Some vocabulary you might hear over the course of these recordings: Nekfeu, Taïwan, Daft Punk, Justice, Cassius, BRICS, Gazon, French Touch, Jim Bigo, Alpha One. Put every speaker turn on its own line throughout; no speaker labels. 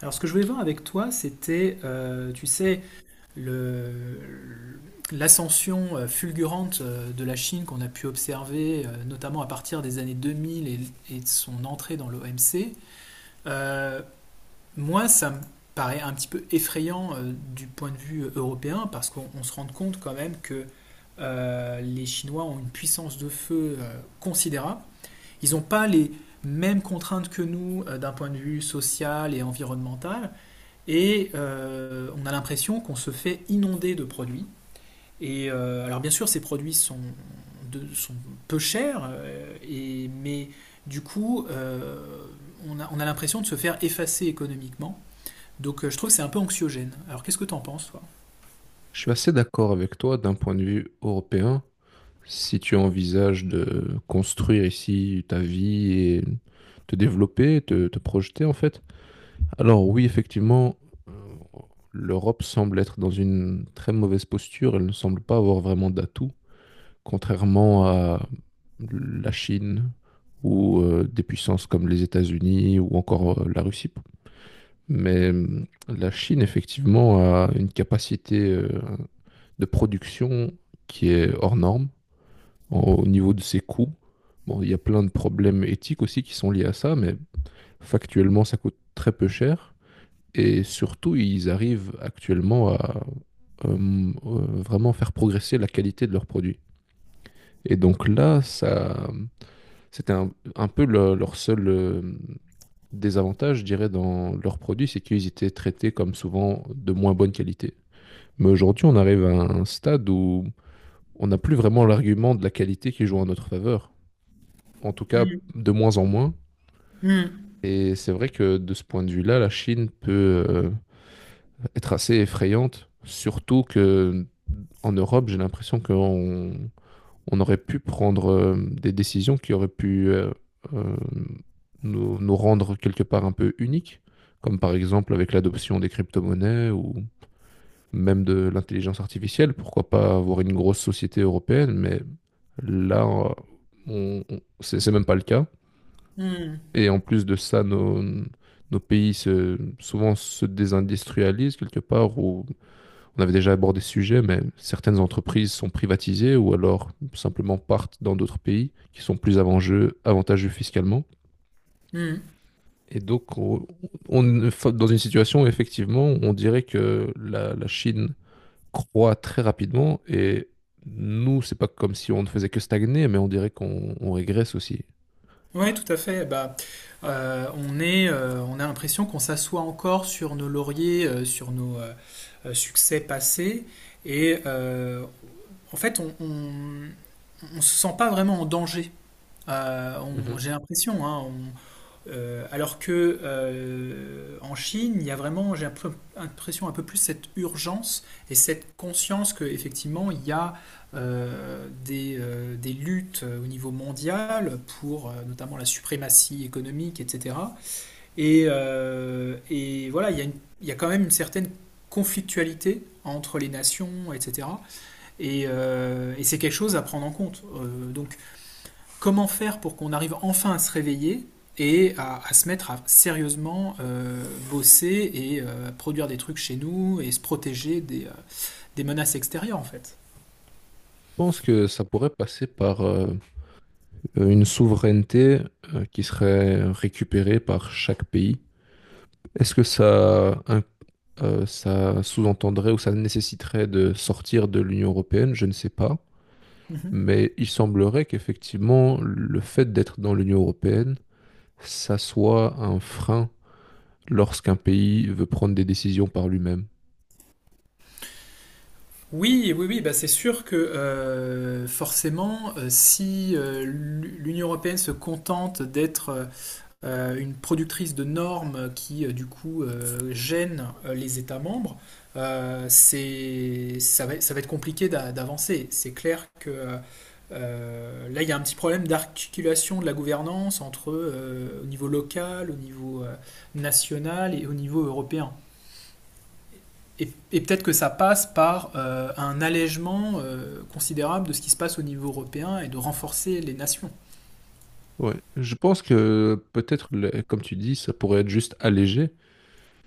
Alors ce que je voulais voir avec toi, c'était, tu sais, le- l'ascension fulgurante de la Chine qu'on a pu observer, notamment à partir des années 2000 et de son entrée dans l'OMC. Euh, Moi, ça me paraît un petit peu effrayant du point de vue européen, parce qu'on on se rend compte quand même que les Chinois ont une puissance de feu considérable. Ils n'ont pas les mêmes contraintes que nous d'un point de vue social et environnemental. Et on a l'impression qu'on se fait inonder de produits. Alors bien sûr, ces produits sont peu chers, mais du coup, on a l'impression de se faire effacer économiquement. Je trouve que c'est un peu anxiogène. Alors qu'est-ce que t'en penses, toi?
Je suis assez d'accord avec toi d'un point de vue européen. Si tu envisages de construire ici ta vie et te développer, te projeter en fait, alors oui, effectivement, euh, l'Europe semble être dans une très mauvaise posture. Elle ne semble pas avoir vraiment d'atout, contrairement à la Chine ou des puissances comme les États-Unis ou encore la Russie. Mais la Chine, effectivement, a une capacité de production qui est hors norme au niveau de ses coûts. Bon, il y a plein de problèmes éthiques aussi qui sont liés à ça, mais factuellement, ça coûte très peu cher. Et surtout, ils arrivent actuellement à euh, euh, vraiment faire progresser la qualité de leurs produits. Et donc là, ça, c'était un peu leur seul désavantage, je dirais, dans leurs produits, c'est qu'ils étaient traités comme souvent de moins bonne qualité. Mais aujourd'hui, on arrive à un stade où on n'a plus vraiment l'argument de la qualité qui joue en notre faveur. En tout cas,
Mm,
de moins en moins.
mm,
Et c'est vrai que de ce point de vue-là, la Chine peut être assez effrayante, surtout que en Europe, j'ai l'impression qu'on on aurait pu prendre des décisions qui auraient pu euh, nous rendre quelque part un peu uniques, comme par exemple avec l'adoption des crypto-monnaies ou même de l'intelligence artificielle, pourquoi pas avoir une grosse société européenne, mais là, c'est même pas le cas.
mm,
Et en plus de ça, nos pays souvent se désindustrialisent quelque part, ou on avait déjà abordé ce sujet, mais certaines entreprises sont privatisées ou alors simplement partent dans d'autres pays qui sont plus avantageux fiscalement.
mm.
Et donc, on est dans une situation où effectivement, on dirait que la Chine croît très rapidement et nous, c'est pas comme si on ne faisait que stagner, mais on dirait qu'on on régresse aussi.
Ouais, tout à fait. On a l'impression qu'on s'assoit encore sur nos lauriers, sur nos succès passés, et euh, en fait, on se sent pas vraiment en danger.
Mhm.
J'ai l'impression, alors que en Chine, il y a vraiment, l'impression un peu plus cette urgence et cette conscience que effectivement il y a des luttes au niveau mondial pour notamment la suprématie économique, etc. Et voilà, il y a il y a quand même une certaine conflictualité entre les nations, etc. Et c'est quelque chose à prendre en compte. Donc, comment faire pour qu'on arrive enfin à se réveiller et à se mettre à sérieusement bosser et produire des trucs chez nous et se protéger des menaces extérieures, en fait.
Je pense que ça pourrait passer par une souveraineté qui serait récupérée par chaque pays. Est-ce que ça, ça sous-entendrait ou ça nécessiterait de sortir de l'Union européenne? Je ne sais pas.
Mhm.
Mais il semblerait qu'effectivement, le fait d'être dans l'Union européenne, ça soit un frein lorsqu'un pays veut prendre des décisions par lui-même.
Oui, bah c'est sûr que forcément, si l'Union européenne se contente d'être une productrice de normes du gêne les États membres, ça va être compliqué d'avancer. C'est clair que là, il y a un petit problème d'articulation de la gouvernance entre au niveau local, au niveau national et au niveau européen. Et peut-être que ça passe par un allègement considérable de ce qui se passe au niveau européen et de renforcer les nations.
Ouais, je pense que peut-être, comme tu dis, ça pourrait être juste allégé.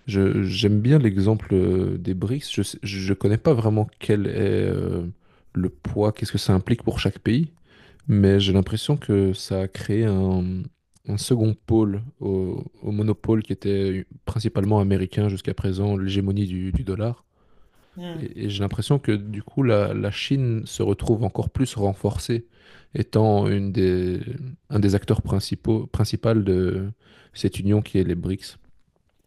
J'aime bien l'exemple des BRICS. Je connais pas vraiment quel est euh, le poids, qu'est-ce que ça implique pour chaque pays, mais j'ai l'impression que ça a créé un second pôle au monopole qui était principalement américain jusqu'à présent, l'hégémonie du dollar.
Hmm.
Et j'ai l'impression que du coup, la Chine se retrouve encore plus renforcée, étant un des acteurs principaux de cette union qui est les BRICS.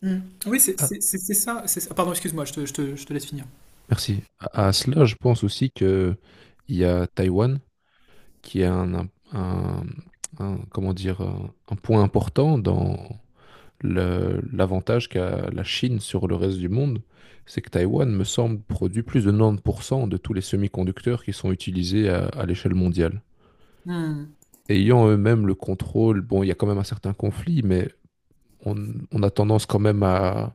Mm. Oui,
Ah,
c'est ça. C'est ça. Pardon, excuse-moi, je te laisse finir.
merci. À cela, je pense aussi que il y a Taïwan qui est un point important dans l'avantage qu'a la Chine sur le reste du monde. C'est que Taïwan, me semble, produit plus de 90% de tous les semi-conducteurs qui sont utilisés à l'échelle mondiale.
Mm.
Ayant eux-mêmes le contrôle, bon, il y a quand même un certain conflit, mais on, on a tendance quand même à,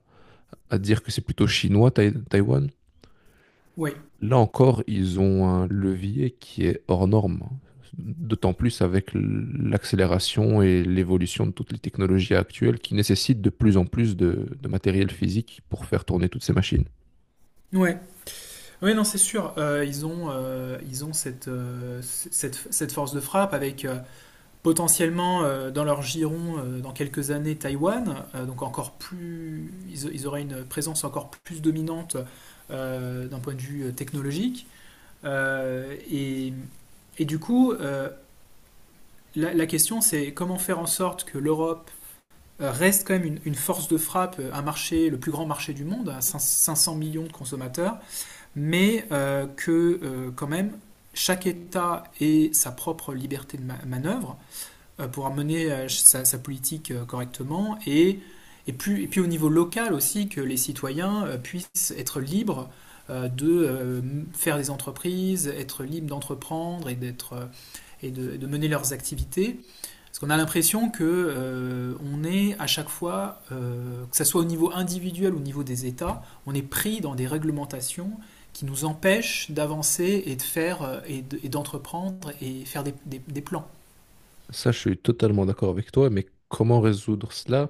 à dire que c'est plutôt chinois, Taïwan.
Oui,
Là encore, ils ont un levier qui est hors norme, d'autant plus avec l'accélération et l'évolution de toutes les technologies actuelles qui nécessitent de plus en plus de matériel physique pour faire tourner toutes ces machines.
ouais. Oui, non, c'est sûr. Ils ont cette force de frappe avec potentiellement dans leur giron dans quelques années Taïwan. Donc encore plus, ils auraient une présence encore plus dominante d'un point de vue technologique. Euh, et, et du coup, la question c'est comment faire en sorte que l'Europe reste quand même une force de frappe, un marché, le plus grand marché du monde, à 500 millions de consommateurs, mais que quand même chaque État ait sa propre liberté de manœuvre pour mener politique correctement et puis au niveau local aussi que les citoyens puissent être libres de faire des entreprises, être libres d'entreprendre et de mener leurs activités parce qu'on a l'impression que on est à chaque fois, que ce soit au niveau individuel ou au niveau des États, on est pris dans des réglementations qui nous empêchent d'avancer et de faire et d'entreprendre et faire des plans.
Ça, je suis totalement d'accord avec toi, mais comment résoudre cela?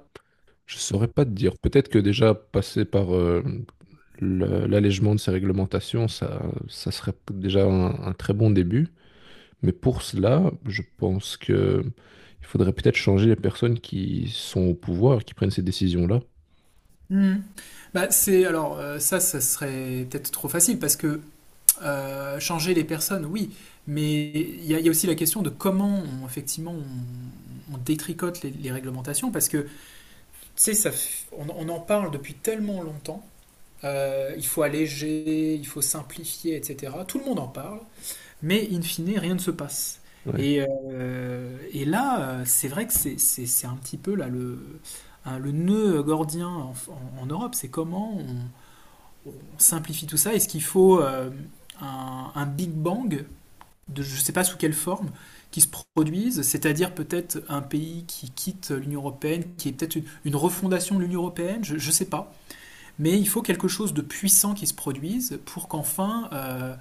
Je saurais pas te dire. Peut-être que déjà passer par l'allègement de ces réglementations, ça serait déjà un très bon début. Mais pour cela, je pense que il faudrait peut-être changer les personnes qui sont au pouvoir, qui prennent ces décisions-là.
Mmh. Bah, c'est ça serait peut-être trop facile parce que changer les personnes, oui, mais il y a aussi la question de comment effectivement on détricote les réglementations parce que tu sais, on en parle depuis tellement longtemps, il faut alléger, il faut simplifier, etc. Tout le monde en parle, mais in fine, rien ne se passe.
Ouais.
C'est vrai que c'est un petit peu là, le nœud gordien en Europe, c'est comment on simplifie tout ça. Est-ce qu'il faut un Big Bang, je ne sais pas sous quelle forme, qui se produise, c'est-à-dire peut-être un pays qui quitte l'Union européenne, qui est peut-être une refondation de l'Union européenne, je ne sais pas. Mais il faut quelque chose de puissant qui se produise pour qu'enfin euh,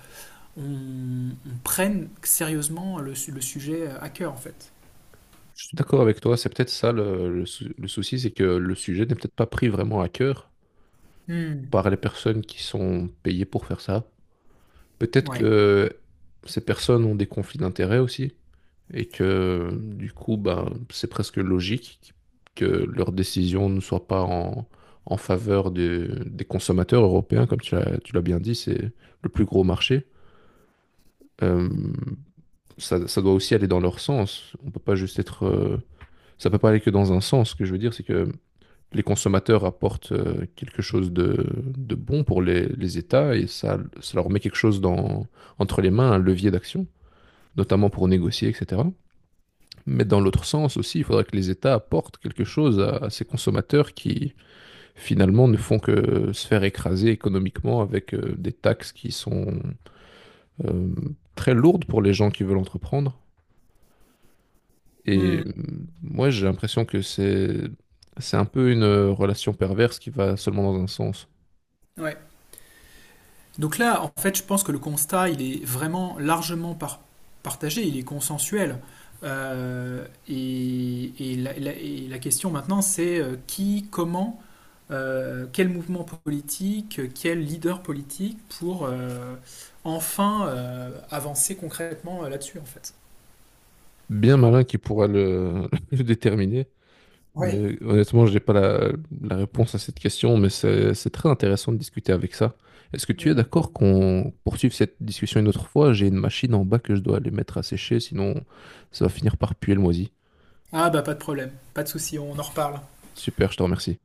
on, on prenne sérieusement le sujet à cœur, en fait.
Je suis d'accord avec toi, c'est peut-être ça le souci, c'est que le sujet n'est peut-être pas pris vraiment à cœur
Hmm.
par les personnes qui sont payées pour faire ça. Peut-être
Ouais.
que ces personnes ont des conflits d'intérêts aussi, et que du coup, ben, c'est presque logique que leurs décisions ne soient pas en faveur des consommateurs européens, comme tu l'as bien dit, c'est le plus gros marché. Euh, ça doit aussi aller dans leur sens. On peut pas juste être. Ça peut pas aller que dans un sens. Ce que je veux dire, c'est que les consommateurs apportent quelque chose de bon pour les États et ça leur met quelque chose entre les mains, un levier d'action, notamment pour négocier, etc. Mais dans l'autre sens aussi, il faudrait que les États apportent quelque chose à ces consommateurs qui finalement ne font que se faire écraser économiquement avec des taxes qui sont euh, très lourdes pour les gens qui veulent entreprendre. Et
Hmm.
euh, moi, j'ai l'impression que c'est un peu une relation perverse qui va seulement dans un sens.
Ouais. Donc là, en fait, je pense que le constat, il est vraiment largement partagé, il est consensuel. Et et la question maintenant, c'est comment quel mouvement politique, quel leader politique pour enfin avancer concrètement là-dessus en fait.
Bien malin qui pourra le déterminer.
Ouais.
Mais honnêtement, je n'ai pas la réponse à cette question, mais c'est très intéressant de discuter avec ça. Est-ce que tu es
Hmm.
d'accord qu'on poursuive cette discussion une autre fois? J'ai une machine en bas que je dois aller mettre à sécher, sinon ça va finir par puer le moisi.
Ah bah pas de problème, pas de souci, on en reparle.
Super, je te remercie.